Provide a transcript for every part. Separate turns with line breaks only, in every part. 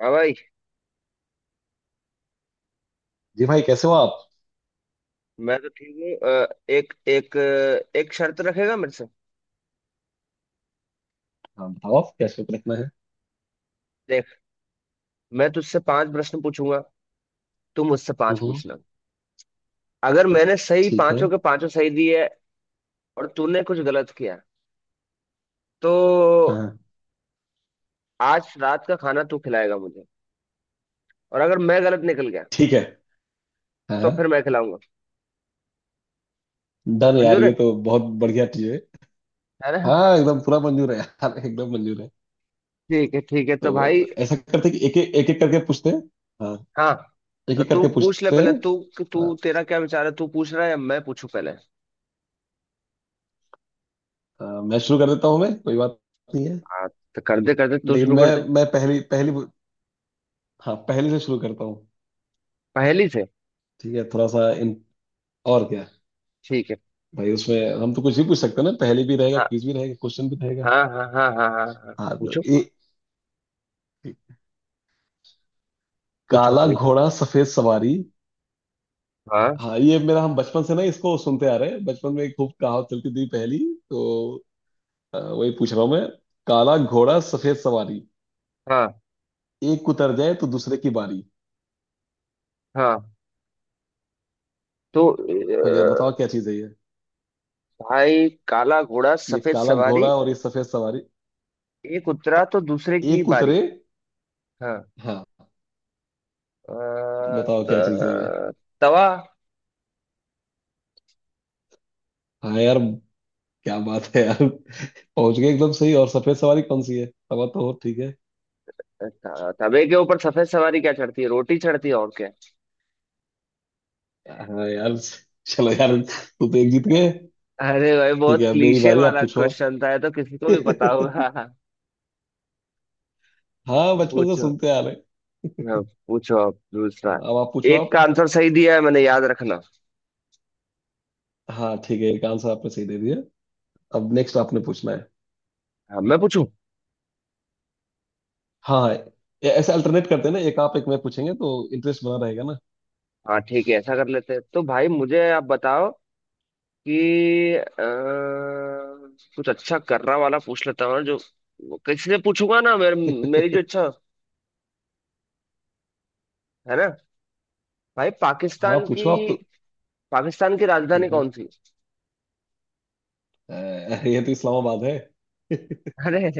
हाँ भाई।
जी भाई, कैसे हो आप?
मैं तो ठीक हूँ। एक एक एक शर्त रखेगा मेरे से।
हाँ, बताओ आप क्या शौक रखना है।
देख, मैं तुझसे पांच प्रश्न पूछूंगा, तू मुझसे पांच
हम्म।
पूछना। अगर मैंने सही
ठीक
पांचों
है।
के पांचों सही दिए और तूने कुछ गलत किया तो
हाँ,
आज रात का खाना तू खिलाएगा मुझे, और अगर मैं गलत निकल गया
ठीक है।
तो फिर
हाँ।
मैं खिलाऊंगा।
डन यार,
मंजूर है
ये तो बहुत बढ़िया चीज है।
है ना?
हाँ, एकदम पूरा मंजूर है यार, एकदम मंजूर है।
ठीक है, ठीक है तो भाई।
तो ऐसा करते हैं कि एक एक एक एक करके पूछते हैं। हाँ।
हाँ,
एक
तो
एक
तू
करके
पूछ ले,
पूछते
पहले
हैं।
तू। तू,
हाँ,
तेरा क्या विचार है, तू पूछ रहा है या मैं पूछूं पहले?
हाँ, मैं शुरू कर देता हूँ, मैं, कोई बात नहीं है।
हाँ, तो कर दे कर दे, तू
लेकिन
शुरू
मैं
कर दे।
मैं पहली पहली। हाँ, पहली से शुरू करता हूँ।
पहली से।
ठीक है, थोड़ा सा इन। और क्या।
ठीक है।
भाई
हम्म।
उसमें हम तो कुछ भी पूछ सकते हैं ना, पहली भी रहेगा, क्विज भी रहेगा, क्वेश्चन भी रहेगा।
हाँ हाँ हाँ हाँ हाँ हाँ,
हाँ, तो
पूछो।
ये
पूछो
काला
कोई तो।
घोड़ा सफेद सवारी।
हाँ
हाँ ये मेरा, हम बचपन से ना इसको सुनते आ रहे हैं, बचपन में खूब कहावत चलती थी पहली। तो वही पूछ रहा हूँ मैं। काला घोड़ा सफेद सवारी,
हाँ
एक उतर जाए तो दूसरे की बारी।
हाँ। तो
हो गया, बताओ क्या चीज है ये।
भाई, काला घोड़ा
ये
सफेद
काला
सवारी,
घोड़ा और ये सफेद सवारी।
एक उतरा तो दूसरे की
एक
बारी।
उतरे।
हाँ।
हाँ।
अ,
बताओ
त,
क्या चीज है ये।
तवा।
हाँ यार। क्या बात है यार। पहुंच गए एकदम सही, और सफेद सवारी कौन सी है, सवा तो हो, ठीक है।
तवे के ऊपर सफेद सवारी क्या चढ़ती है? रोटी चढ़ती है, और क्या।
हाँ यार। चलो यार, तू तो एक जीत गए।
अरे भाई,
ठीक
बहुत
है, अब मेरी
क्लीशे
बारी, आप
वाला
पूछो
क्वेश्चन था, ये तो किसी
आप।
को भी पता होगा।
हाँ, बचपन से
पूछो।
सुनते आ रहे हैं।
हाँ, पूछो आप दूसरा।
अब आप पूछो
एक
आप।
का आंसर सही दिया है मैंने, याद रखना।
हाँ ठीक है, एक आंसर आपने सही दे दिया। अब नेक्स्ट आपने पूछना है।
हाँ, मैं पूछूं।
हाँ हाँ। ऐसे अल्टरनेट करते हैं ना, एक आप एक मैं पूछेंगे तो इंटरेस्ट बना रहेगा ना।
हाँ, ठीक है, ऐसा कर लेते हैं। तो भाई मुझे आप बताओ कि कुछ अच्छा करना वाला पूछ लेता हूँ, जो किसी से पूछूंगा ना, मेरी जो इच्छा, है ना? भाई
हाँ, पूछो आप तो।
पाकिस्तान की राजधानी
हम्म,
कौन सी?
ये तो इस्लामाबाद है।
अरे,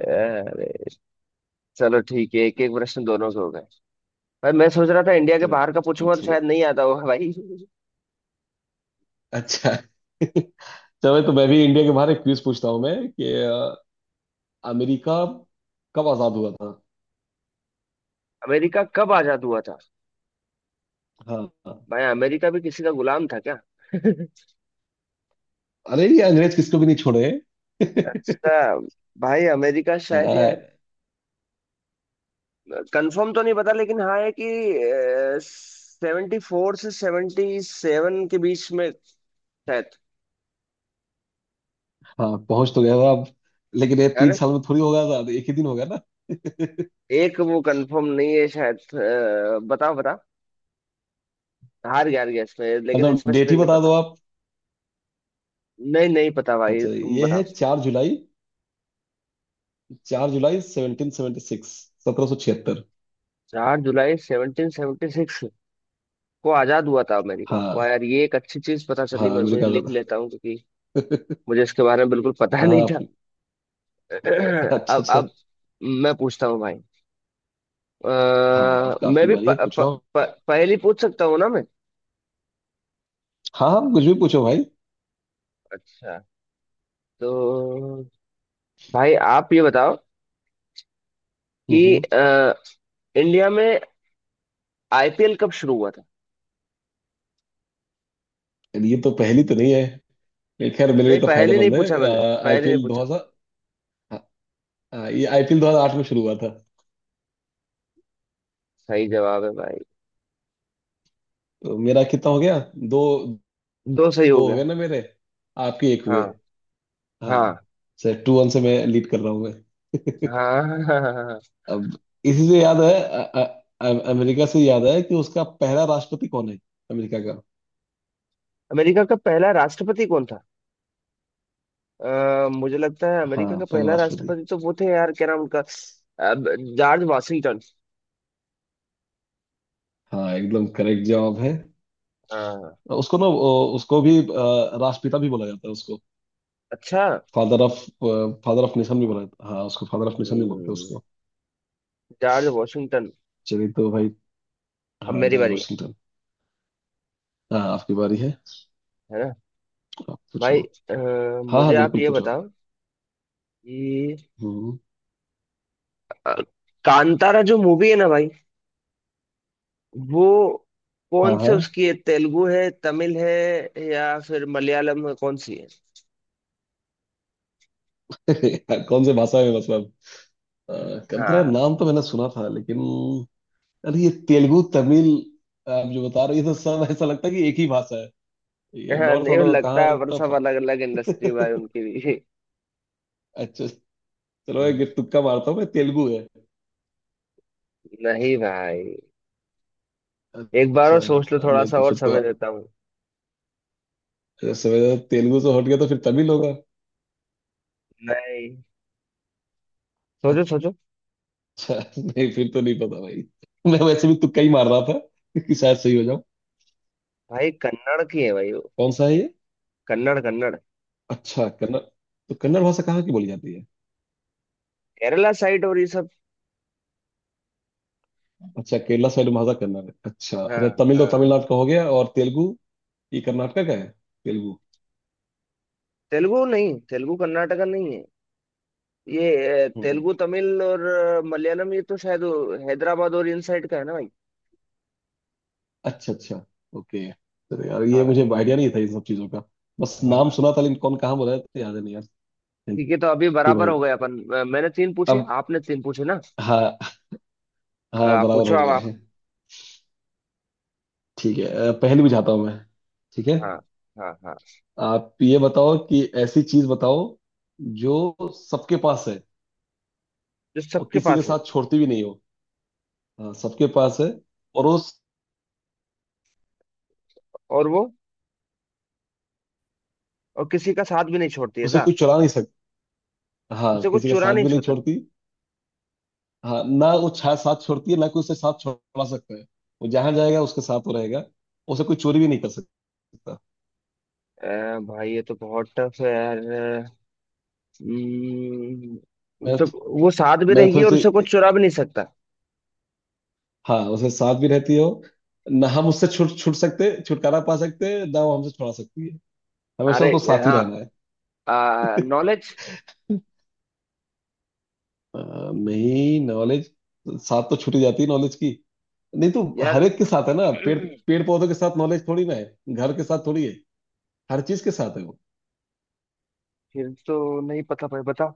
अरे, चलो ठीक है, एक एक प्रश्न दोनों के हो गए। भाई मैं सोच रहा था इंडिया के बाहर का
चलो
पूछूंगा तो
ठीक है।
शायद नहीं आता होगा भाई।
अच्छा। चलो, तो मैं भी इंडिया के बाहर एक क्विज पूछता हूँ मैं कि अमेरिका कब आजाद हुआ था।
अमेरिका कब आजाद हुआ था?
हाँ। हाँ।
भाई, अमेरिका भी किसी का गुलाम था क्या?
अरे ये अंग्रेज किसको भी नहीं छोड़े।
अच्छा। भाई अमेरिका शायद यार,
हाँ।
कंफर्म तो नहीं पता, लेकिन हाँ है कि 74 से 77 के बीच में, शायद।
हाँ, पहुंच तो गया था अब। लेकिन ये
है
तीन
ना?
साल में थोड़ी होगा था, तो एक ही दिन होगा ना।
एक वो कंफर्म नहीं है शायद। बताओ बताओ, हार गया इसमें, लेकिन
मतलब डेट ही
स्पेसिफिक नहीं
बता दो
पता।
आप।
नहीं, नहीं पता भाई,
अच्छा,
तुम
ये है
बताओ।
4 जुलाई। 4 जुलाई 1776। 1776।
4 जुलाई 1776 को आजाद हुआ था अमेरिका। वाह
हाँ।
यार, ये एक अच्छी चीज पता चली
हाँ,
मेरे को, ये
अमेरिका का
लिख
था।
लेता हूँ, क्योंकि मुझे इसके बारे में बिल्कुल पता
हाँ हाँ,
नहीं था।
अच्छा
अब
अच्छा।
अब मैं पूछता हूँ भाई। अ,
हाँ, अब
मैं
काफी
भी प,
बारी है, पूछो
प, प,
आप।
पहली पूछ सकता हूँ ना मैं?
हाँ आप कुछ भी पूछो भाई।
अच्छा, तो भाई आप ये बताओ कि
हम्म।
इंडिया में आईपीएल कब शुरू हुआ था?
ये तो पहली तो नहीं है। ये खैर मेरे लिए
नहीं,
तो
पहले नहीं
फायदेमंद है।
पूछा मैंने, पहले नहीं
आईपीएल दो
पूछा।
हजार। हाँ, ये आईपीएल 2008 में शुरू हुआ था।
सही जवाब है भाई।
तो मेरा कितना हो गया। दो।
दो सही हो
दो हो
गया।
गया ना मेरे। आपके एक हुए।
हाँ
हाँ।
हाँ
सर 2-1 से मैं लीड कर रहा हूँ मैं।
हाँ हाँ हाँ हाँ। हाँ।
अब, इसी से याद है अमेरिका से याद है कि उसका पहला राष्ट्रपति कौन है। अमेरिका का।
अमेरिका का पहला राष्ट्रपति कौन था? मुझे लगता है अमेरिका
हाँ,
का
पहला
पहला
राष्ट्रपति।
राष्ट्रपति तो वो थे यार, क्या नाम उनका? अब, जॉर्ज वाशिंगटन।
हाँ, एकदम करेक्ट जवाब है।
हाँ।
उसको ना उसको भी राष्ट्रपिता भी बोला जाता है उसको।
अच्छा।
Father of. Father of nation भी बोला जाता है, हाँ, उसको फादर ऑफ नेशन भी बोलते हैं
हम्म,
उसको।
George Washington.
चलिए तो भाई।
अब
हाँ,
मेरी
जॉर्ज
बारी,
वाशिंगटन। हाँ, आपकी बारी है।
है ना
आप
भाई?
पूछो।
अ,
हाँ
मुझे
हाँ,
आप
बिल्कुल
ये
पूछो आप।
बताओ कि
हम्म।
अ, कांतारा जो मूवी है ना भाई, वो
हाँ
कौन से
हाँ।
उसकी है? तेलुगु है, तमिल है, या फिर मलयालम है, कौन सी है?
कौन से भाषा में, बस। कंतरा
हाँ
नाम तो मैंने सुना था लेकिन। अरे, ये तेलुगु, तमिल, आप जो बता रहे हो, ये तो सब ऐसा लगता है कि एक ही भाषा है। ये
हाँ।
नॉर्थ
नहीं वो
वालों का
लगता
कहाँ
है, पर
इतना
सब अलग अलग इंडस्ट्री
फर्क है।
भाई उनकी भी।
अच्छा। चलो,
हम्म।
एक तुक्का मारता हूँ मैं, तेलुगु है।
नहीं भाई, एक बार और सोच लो,
अच्छा।
थोड़ा
नहीं
सा
तो
और
फिर तो,
समय देता हूँ।
समझा, तेलुगु से हट गया तो फिर तमिल होगा।
नहीं, सोचो सोचो।
अच्छा, नहीं फिर तो नहीं पता भाई। मैं वैसे भी तुक्का ही मार रहा था, कि शायद सही हो जाऊं।
भाई कन्नड़ की है भाई वो।
कौन सा है ये।
कन्नड़ कन्नड़।
अच्छा, कन्नड़। तो कन्नड़ भाषा कहाँ की बोली जाती है।
केरला साइड और ये सब।
अच्छा, केरला साइड भाषा कन्नड़ है, अच्छा
हाँ
अच्छा, तमिल तो
हाँ।
तमिलनाडु का हो गया, और तेलुगु, ये कर्नाटका का है, तेलुगु।
तेलुगु नहीं, तेलुगु कर्नाटका नहीं है। ये
हम्म।
तेलुगु, तमिल और मलयालम, ये तो शायद वो हैदराबाद और इन साइड का है ना भाई?
अच्छा अच्छा। ओके। तो यार, ये
हाँ
मुझे आइडिया नहीं था इन सब चीजों का। बस नाम
हाँ,
सुना था लेकिन कौन कहाँ बोला है तो याद है नहीं यार। थैंक
ठीक है, तो अभी
यू
बराबर
भाई।
हो गए अपन। मैंने तीन पूछे,
अब,
आपने तीन पूछे ना?
हाँ हाँ बराबर
पूछो
हो
अब
गया
आप।
है। ठीक है, पहली बुझाता हूँ मैं। ठीक है।
हाँ हाँ हाँ।
आप ये बताओ कि ऐसी चीज बताओ जो सबके पास है,
जो
और
सबके
किसी के
पास है,
साथ छोड़ती भी नहीं हो। हाँ, सबके पास है। और उस
और वो, और किसी का साथ भी नहीं छोड़ती
उसे
ऐसा,
कोई चुरा नहीं सकता। हाँ,
उसे
किसी
कुछ
के
चुरा
साथ
नहीं
भी नहीं
छोता।
छोड़ती। हाँ, ना वो छा साथ छोड़ती है, ना कोई उसे साथ छोड़ा सकता है। वो जहां जाएगा उसके साथ वो रहेगा। उसे कोई चोरी भी नहीं कर सकता।
भाई ये तो बहुत टफ है यार।
मैं
तो वो साथ भी
मैं
रहेगी
थोड़ी
और उसे
सी,
कुछ चुरा भी नहीं सकता।
हाँ, उसे साथ भी रहती हो, ना हम उससे छुट छुट सकते छुटकारा पा सकते हैं, ना वो हमसे छुड़ा सकती है। हमेशा
अरे,
उसको साथ ही
हाँ,
रहना है।
नॉलेज।
नहीं, नॉलेज साथ तो छूटी जाती है नॉलेज की। नहीं तो
यार।
हर एक के साथ है ना, पेड़ पेड़ पौधों के साथ नॉलेज थोड़ी ना है, घर के साथ थोड़ी है, हर चीज के साथ है वो।
फिर तो नहीं पता भाई, बता।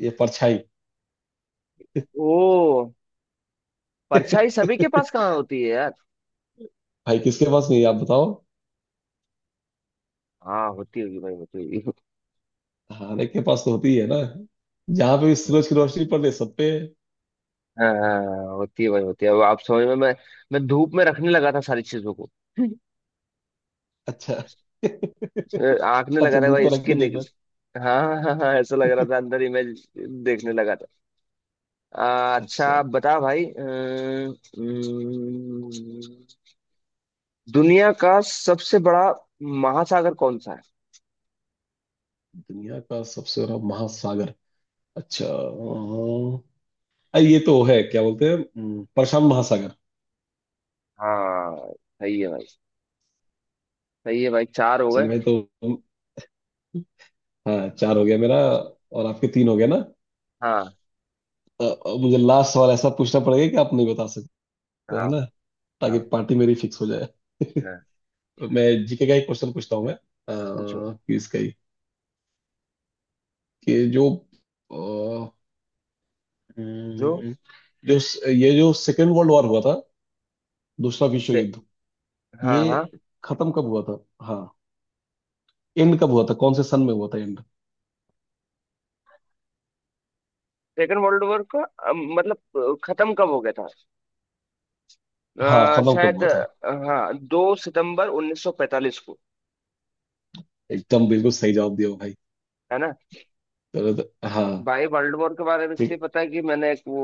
ये परछाई।
ओ, परछाई सभी के पास कहाँ होती है यार?
भाई किसके पास नहीं है, आप बताओ।
हाँ होती होगी भाई, होती होगी।
खाने के पास तो होती है ना, जहाँ पे भी सूरज की रोशनी पड़े सब पे।
हाँ हाँ, हाँ, होती है भाई, होती है। अब आप समझ में। मैं धूप में रखने लगा था सारी चीजों को।
अच्छा अच्छा।
आंख में लगा था
दूर
भाई,
पे रख के
स्किन निकल।
देखना।
हाँ हाँ हाँ हाँ, ऐसा लग रहा था, अंदर इमेज देखने लगा था। अच्छा
अच्छा।
बता भाई। अम, अम, दुनिया का सबसे बड़ा महासागर कौन सा है?
दुनिया का सबसे बड़ा महासागर। अच्छा, ये तो है, क्या बोलते हैं, प्रशांत महासागर।
हाँ, सही है भाई, सही है भाई, चार हो गए।
चलिए भाई तो, हाँ, चार हो गया मेरा, और आपके तीन हो गया ना।
हाँ
मुझे लास्ट सवाल ऐसा पूछना पड़ेगा कि आप नहीं बता सकते, है
हाँ
ना, ताकि
हाँ
पार्टी मेरी फिक्स हो जाए।
हाँ,
मैं जीके का एक क्वेश्चन पूछता हूँ मैं
पूछो।
कि इसका ही, कि जो,
जो
हम्म, जो, ये जो सेकेंड वर्ल्ड वॉर हुआ था, दूसरा विश्व
से
युद्ध, ये
हाँ हाँ।
खत्म कब हुआ था। हाँ, एंड कब हुआ था, कौन से सन में हुआ था एंड।
सेकेंड वर्ल्ड वॉर का, मतलब खत्म कब हो गया था?
हाँ, खत्म कब
शायद
हुआ था।
हाँ, 2 सितंबर 1945 को।
एकदम बिल्कुल सही जवाब दिया भाई।
है ना?
चलो तो- हाँ,
भाई वर्ल्ड वॉर के बारे में इसलिए
ठीक।
पता है कि मैंने एक वो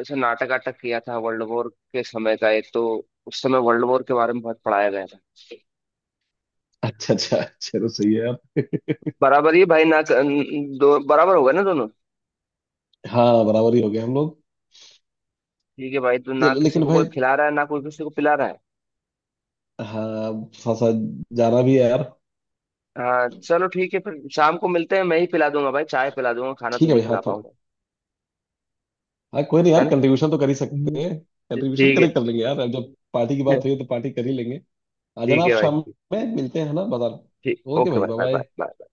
ऐसा नाटक वाटक किया था वर्ल्ड वॉर के समय का एक, तो उस समय वर्ल्ड वॉर के बारे में बहुत पढ़ाया गया था।
अच्छा अच्छा, चलो सही है यार।
बराबर ही भाई ना? दो बराबर होगा ना दोनों?
हाँ, बराबर ही हो गया हम लोग।
ठीक है भाई, तो ना
चलो,
किसी
लेकिन
को कोई
भाई,
खिला रहा है ना कोई किसी को पिला रहा है।
हाँ, थोड़ा सा जाना भी है यार।
हाँ चलो, ठीक है, फिर शाम को मिलते हैं, मैं ही पिला दूंगा भाई, चाय पिला दूंगा, खाना तो
ठीक है
नहीं
भाई, हाँ
खिला
तो,
पाऊंगा।
हाँ, कोई नहीं
है
यार,
ना?
कंट्रीब्यूशन तो कर ही
हम्म।
सकते हैं। कंट्रीब्यूशन
ठीक है।
करें, कर लेंगे यार, अब जब पार्टी की बात हुई है, तो पार्टी कर ही लेंगे। आ जाना
ठीक
आप
है भाई,
शाम
ठीक
में, मिलते हैं ना बाजार।
ठीक,
ओके
ओके
भाई,
भाई,
bye
bye bye
bye.
Bye.